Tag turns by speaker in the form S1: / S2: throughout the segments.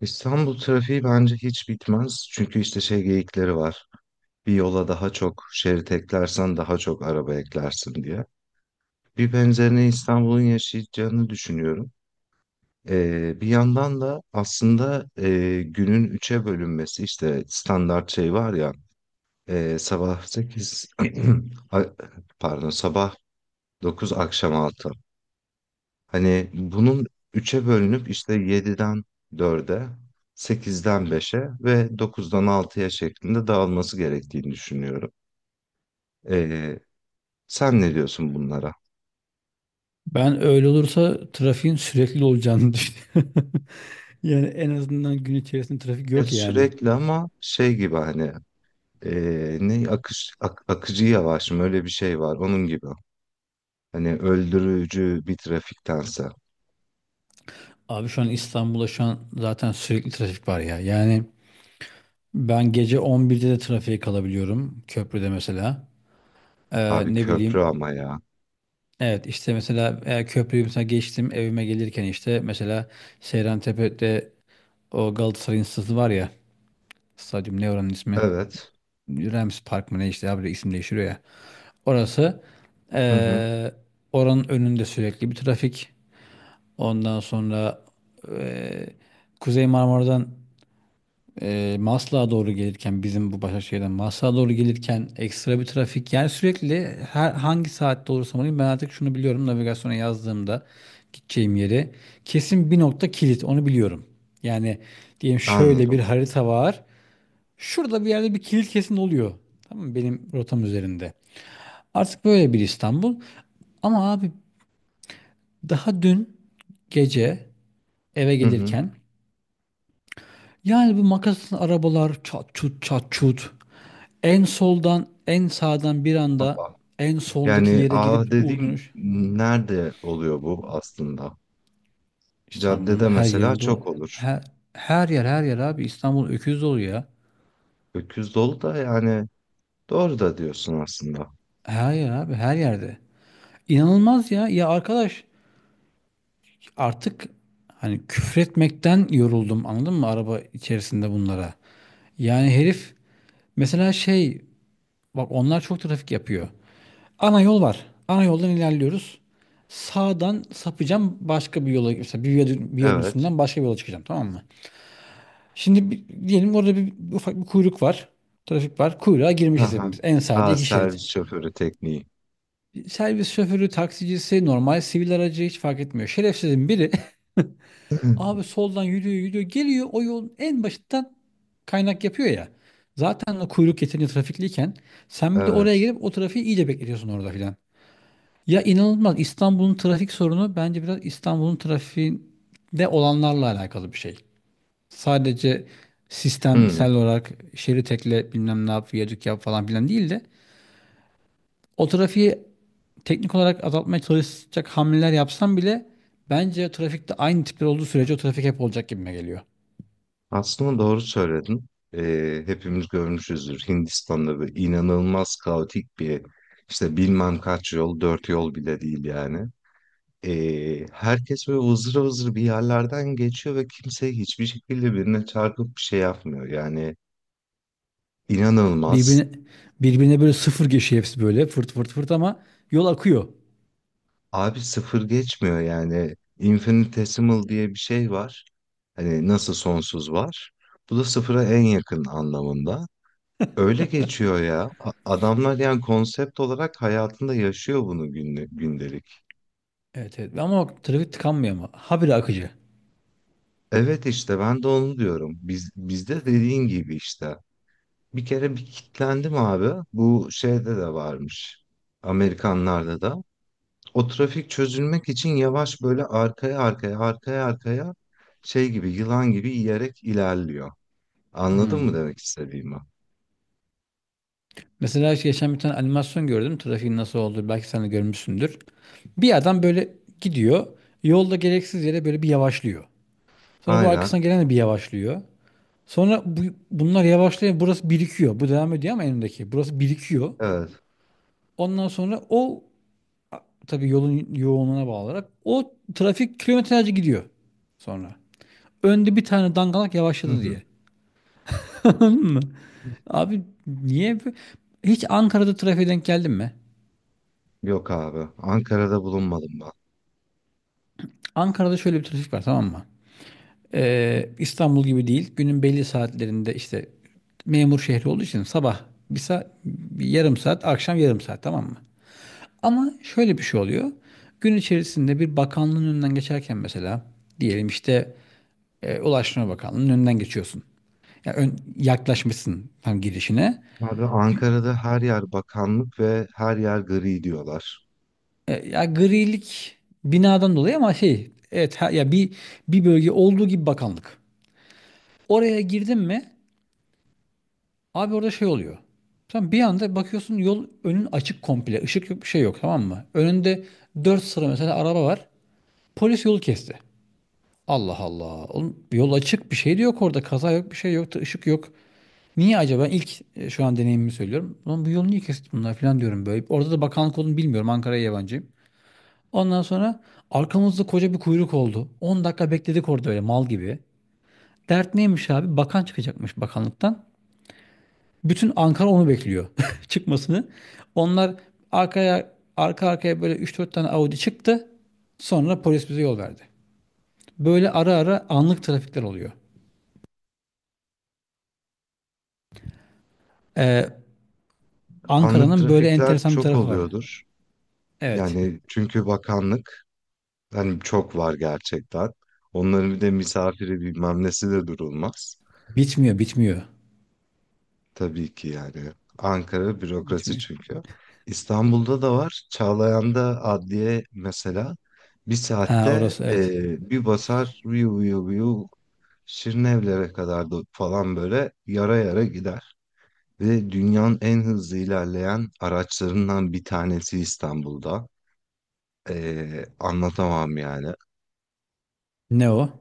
S1: İstanbul trafiği bence hiç bitmez. Çünkü işte şey geyikleri var. Bir yola daha çok şerit eklersen daha çok araba eklersin diye. Bir benzerini İstanbul'un yaşayacağını düşünüyorum. Bir yandan da aslında günün üçe bölünmesi işte standart şey var ya, sabah 8, pardon, sabah 9 akşam 6. Hani bunun üçe bölünüp işte 7'den 4'e, 8'den 5'e ve 9'dan 6'ya şeklinde dağılması gerektiğini düşünüyorum. Ee, sen ne diyorsun bunlara?
S2: Ben öyle olursa trafiğin sürekli olacağını düşünüyorum. Yani en azından gün içerisinde trafik
S1: Ya
S2: yok yani.
S1: sürekli ama şey gibi hani ne akış akıcı yavaş mı öyle bir şey var onun gibi. Hani öldürücü bir trafiktense.
S2: Abi şu an İstanbul'da şu an zaten sürekli trafik var ya. Yani ben gece 11'de de trafiğe kalabiliyorum köprüde mesela.
S1: Abi
S2: Ne
S1: köprü
S2: bileyim
S1: ama ya.
S2: evet işte mesela köprüyü mesela geçtim evime gelirken işte mesela Seyrantepe'de o Galatasaray stadı var ya, stadyum, ne oranın ismi?
S1: Evet.
S2: Rams Park mı ne işte, abi isim değiştiriyor ya. Orası,
S1: Hı hı.
S2: eee, oranın önünde sürekli bir trafik. Ondan sonra eee, Kuzey Marmara'dan Maslak'a doğru gelirken bizim bu Başakşehir'den Maslak'a doğru gelirken ekstra bir trafik. Yani sürekli her hangi saatte olursam olayım ben artık şunu biliyorum, navigasyona yazdığımda gideceğim yeri kesin bir nokta kilit onu biliyorum. Yani diyelim şöyle bir
S1: Anladım.
S2: harita var. Şurada bir yerde bir kilit kesin oluyor. Tamam mı? Benim rotam üzerinde. Artık böyle bir İstanbul. Ama abi daha dün gece eve
S1: Hı hı.
S2: gelirken yani, bu makaslı arabalar, çat çut çat çut. En soldan en sağdan bir anda
S1: Baba.
S2: en soldaki
S1: Yani
S2: yere
S1: ah
S2: girip U
S1: dediğim
S2: dönüş.
S1: nerede oluyor bu aslında?
S2: İstanbul'un
S1: Caddede
S2: her
S1: mesela
S2: yerinde ol.
S1: çok olur.
S2: Her, her yer her yer abi, İstanbul öküz dolu ya.
S1: Öküz dolu da yani doğru da diyorsun aslında.
S2: Her yer abi, her yerde. İnanılmaz ya. Ya arkadaş, artık hani küfretmekten yoruldum, anladın mı, araba içerisinde bunlara. Yani herif mesela şey, bak, onlar çok trafik yapıyor. Ana yol var. Ana yoldan ilerliyoruz. Sağdan sapacağım başka bir yola, mesela bir viyadünün
S1: Evet.
S2: üstünden başka bir yola çıkacağım, tamam mı? Şimdi diyelim orada bir ufak bir kuyruk var. Trafik var. Kuyruğa girmişiz
S1: Aha.
S2: hepimiz. En sağda
S1: Aa,
S2: iki şerit.
S1: servis şoförü tekniği.
S2: Servis şoförü, taksicisi, normal sivil aracı hiç fark etmiyor. Şerefsizin biri. Abi soldan yürüyor yürüyor geliyor, o yolun en başından kaynak yapıyor ya. Zaten o kuyruk yeterince trafikliyken sen bir de oraya
S1: Evet.
S2: gelip o trafiği iyice bekletiyorsun orada filan. Ya inanılmaz, İstanbul'un trafik sorunu bence biraz İstanbul'un trafiğinde olanlarla alakalı bir şey. Sadece sistemsel
S1: Hmm.
S2: olarak şerit ekle bilmem ne yap viyadük yap falan filan değil de, o trafiği teknik olarak azaltmaya çalışacak hamleler yapsam bile bence trafikte aynı tipler olduğu sürece o trafik hep olacak gibime geliyor.
S1: Aslında doğru söyledin. Hepimiz görmüşüzdür. Hindistan'da böyle inanılmaz kaotik bir işte bilmem kaç yol, dört yol bile değil yani. Herkes böyle vızır vızır bir yerlerden geçiyor ve kimse hiçbir şekilde birine çarpıp bir şey yapmıyor. Yani inanılmaz.
S2: Birbirine, birbirine böyle sıfır geçiyor hepsi, böyle fırt fırt fırt, ama yol akıyor.
S1: Abi sıfır geçmiyor yani. Infinitesimal diye bir şey var. Hani nasıl sonsuz var. Bu da sıfıra en yakın anlamında. Öyle geçiyor ya. Adamlar yani konsept olarak hayatında yaşıyor bunu günlük, gündelik.
S2: Evet evet, ama o trafik tıkanmıyor ama habire akıcı.
S1: Evet işte ben de onu diyorum. Bizde dediğin gibi işte. Bir kere bir kitlendim abi. Bu şeyde de varmış. Amerikanlarda da. O trafik çözülmek için yavaş böyle arkaya arkaya arkaya arkaya şey gibi yılan gibi yiyerek ilerliyor. Anladın mı
S2: Hmm.
S1: demek istediğimi?
S2: Mesela işte geçen bir tane animasyon gördüm trafiğin nasıl olduğu, belki sen de görmüşsündür. Bir adam böyle gidiyor yolda, gereksiz yere böyle bir yavaşlıyor. Sonra bu
S1: Aynen.
S2: arkasına gelen de bir yavaşlıyor. Sonra bunlar yavaşlıyor, burası birikiyor. Bu devam ediyor ama önündeki, burası birikiyor.
S1: Evet.
S2: Ondan sonra o, tabii yolun yoğunluğuna bağlı olarak, o trafik kilometrelerce gidiyor sonra. Önde bir tane dangalak
S1: Hı
S2: yavaşladı
S1: hı.
S2: diye. Anladın mı? Abi niye, hiç Ankara'da trafiğe denk geldin mi?
S1: Yok abi. Ankara'da bulunmadım ben.
S2: Ankara'da şöyle bir trafik var, tamam mı? İstanbul gibi değil. Günün belli saatlerinde işte, memur şehri olduğu için, sabah bir saat, bir yarım saat, akşam yarım saat, tamam mı? Ama şöyle bir şey oluyor. Gün içerisinde bir bakanlığın önünden geçerken mesela, diyelim işte Ulaştırma Bakanlığı'nın önünden geçiyorsun. Ya yaklaşmışsın tam girişine.
S1: Abi
S2: Bir.
S1: Ankara'da her yer bakanlık ve her yer gri diyorlar.
S2: Ya, grilik binadan dolayı ama şey, evet, ya bir bölge olduğu gibi bakanlık. Oraya girdin mi abi, orada şey oluyor. Sen bir anda bakıyorsun yol, önün açık komple. Işık yok, bir şey yok, tamam mı? Önünde 4 sıra mesela araba var. Polis yolu kesti. Allah Allah. Oğlum, yol açık, bir şey de yok orada. Kaza yok, bir şey yok, da ışık yok. Niye acaba? İlk, şu an deneyimimi söylüyorum, ulan bu yolu niye kesti bunlar falan diyorum böyle. Orada da bakanlık olduğunu bilmiyorum, Ankara'ya yabancıyım. Ondan sonra arkamızda koca bir kuyruk oldu. 10 dakika bekledik orada öyle mal gibi. Dert neymiş abi? Bakan çıkacakmış bakanlıktan. Bütün Ankara onu bekliyor çıkmasını. Onlar arka arkaya böyle üç dört tane Audi çıktı. Sonra polis bize yol verdi. Böyle ara ara anlık trafikler oluyor. Ee,
S1: Anlık
S2: Ankara'nın böyle
S1: trafikler
S2: enteresan bir
S1: çok
S2: tarafı var.
S1: oluyordur.
S2: Evet.
S1: Yani çünkü bakanlık hani çok var gerçekten. Onların bir de misafiri bilmem nesi de durulmaz.
S2: Bitmiyor, bitmiyor.
S1: Tabii ki yani. Ankara bürokrasi
S2: Bitmiyor.
S1: çünkü. İstanbul'da da var. Çağlayan'da adliye mesela bir
S2: Ha,
S1: saatte
S2: orası evet.
S1: bir basar viyu viyu viyu Şirinevlere kadar da falan böyle yara yara gider. Ve dünyanın en hızlı ilerleyen araçlarından bir tanesi İstanbul'da. Anlatamam yani.
S2: Ne o?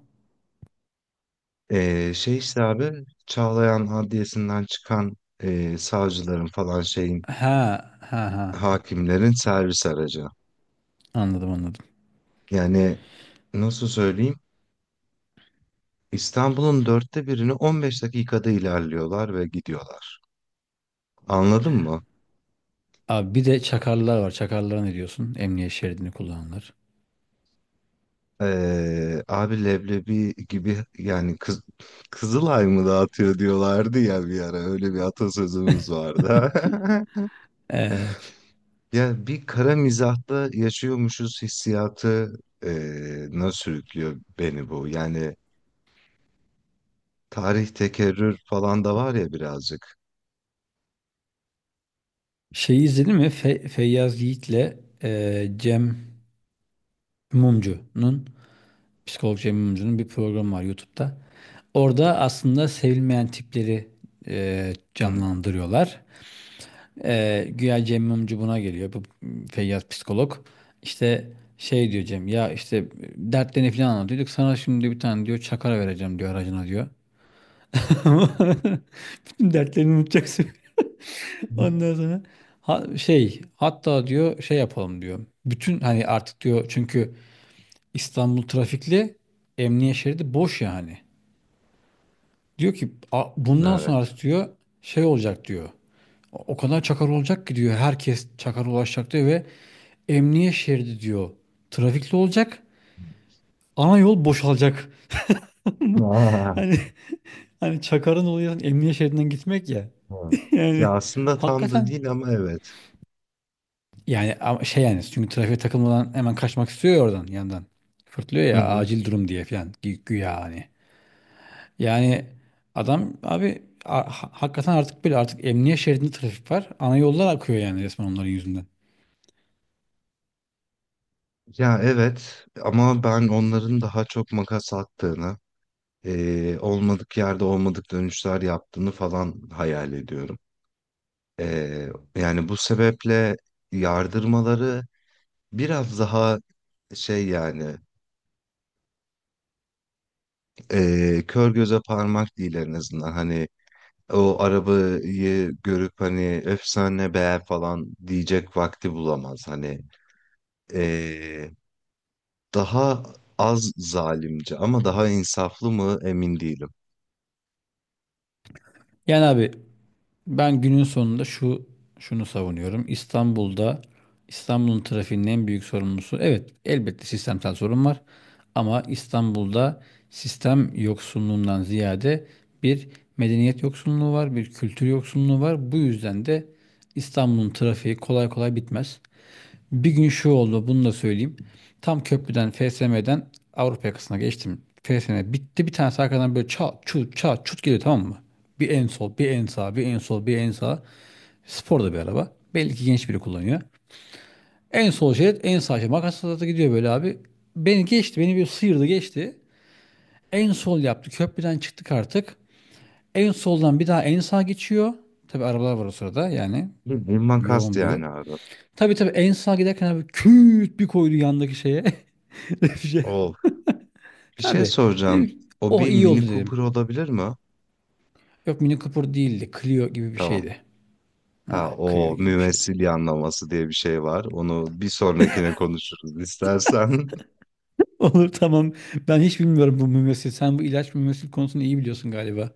S1: Şey işte abi Çağlayan Adliyesi'nden çıkan savcıların falan şeyin
S2: Ha ha ha.
S1: hakimlerin servis aracı.
S2: Anladım anladım.
S1: Yani nasıl söyleyeyim? İstanbul'un dörtte birini 15 dakikada ilerliyorlar ve gidiyorlar. Anladın mı?
S2: Abi bir de çakarlar var. Çakarlara ne diyorsun? Emniyet şeridini kullananlar.
S1: Abi leblebi gibi yani Kızılay mı dağıtıyor diyorlardı ya bir ara öyle bir atasözümüz vardı.
S2: Evet.
S1: Ya bir kara mizahta yaşıyormuşuz hissiyatı nasıl sürüklüyor beni bu. Yani tarih tekerrür falan da var ya birazcık.
S2: Şeyi izledin mi? Feyyaz Yiğit'le Cem Mumcu'nun psikolog Cem Mumcu'nun bir programı var YouTube'da. Orada aslında sevilmeyen tipleri
S1: Hı.
S2: canlandırıyorlar. Güya Cem Mumcu buna geliyor. Bu Feyyaz psikolog. İşte, şey diyor Cem, ya işte dertlerini falan anlatıyorduk, sana şimdi bir tane diyor çakara vereceğim diyor aracına diyor. Bütün dertlerini unutacaksın. Ondan sonra şey, hatta diyor şey yapalım diyor. Bütün, hani artık diyor, çünkü İstanbul trafikli, emniyet şeridi boş yani. Diyor ki, Bundan sonra
S1: Evet.
S2: diyor şey olacak diyor. O kadar çakar olacak ki diyor, herkes çakar ulaşacak diyor ve emniyet şeridi diyor trafikli olacak. Ana yol boşalacak." Hani, çakarın olayı emniyet şeridinden gitmek ya.
S1: Evet.
S2: Yani,
S1: Ya aslında tam da
S2: hakikaten.
S1: değil ama evet.
S2: Yani ama, şey yani, çünkü trafiğe takılmadan hemen kaçmak istiyor ya, oradan yandan. Fırtlıyor
S1: Hı
S2: ya,
S1: hı.
S2: acil durum diye falan, güya hani. Yani adam abi, hakikaten artık böyle, artık emniyet şeridinde trafik var. Ana yollar akıyor, yani resmen onların yüzünden.
S1: Ya evet ama ben onların daha çok makas attığını, olmadık yerde olmadık dönüşler yaptığını falan hayal ediyorum. Yani bu sebeple yardırmaları biraz daha şey yani kör göze parmak değil en azından. Hani o arabayı görüp hani efsane beğer falan diyecek vakti bulamaz. Hani eee, Daha az zalimce ama daha insaflı mı emin değilim.
S2: Yani abi, ben günün sonunda şunu savunuyorum. İstanbul'un trafiğinin en büyük sorumlusu, evet elbette sistemsel sorun var, ama İstanbul'da sistem yoksunluğundan ziyade bir medeniyet yoksunluğu var, bir kültür yoksunluğu var. Bu yüzden de İstanbul'un trafiği kolay kolay bitmez. Bir gün şu oldu, bunu da söyleyeyim. Tam köprüden FSM'den Avrupa yakasına geçtim. FSM bitti, bir tanesi arkadan böyle çat çut çat çut geliyor, tamam mı? Bir en sol, bir en sağ, bir en sol, bir en sağ. Spor da bir araba, belli ki genç biri kullanıyor. En sol şerit, en sağ şerit. Makasla da gidiyor böyle abi. Beni geçti, beni bir sıyırdı geçti. En sol yaptı, köprüden çıktık artık. En soldan bir daha en sağ geçiyor. Tabi arabalar var o sırada yani,
S1: Bildiğin makas
S2: yoğun bir yol.
S1: yani abi.
S2: Tabi tabi, en sağa giderken abi küt bir koydu yandaki şeye. Bir şey.
S1: Of. Bir şey
S2: Tabii. Dedim
S1: soracağım.
S2: ki,
S1: O
S2: oh
S1: bir
S2: iyi
S1: Mini
S2: oldu
S1: Cooper
S2: dedim.
S1: olabilir mi?
S2: Yok, Mini Cooper değildi. Clio gibi bir
S1: Tamam.
S2: şeydi.
S1: Ha
S2: Ha, Clio
S1: o
S2: gibi bir şeydi.
S1: mümessil yanlaması diye bir şey var. Onu bir sonrakine konuşuruz istersen.
S2: Olur, tamam. Ben hiç bilmiyorum bu mümessil. Sen bu ilaç mümessil konusunu iyi biliyorsun galiba.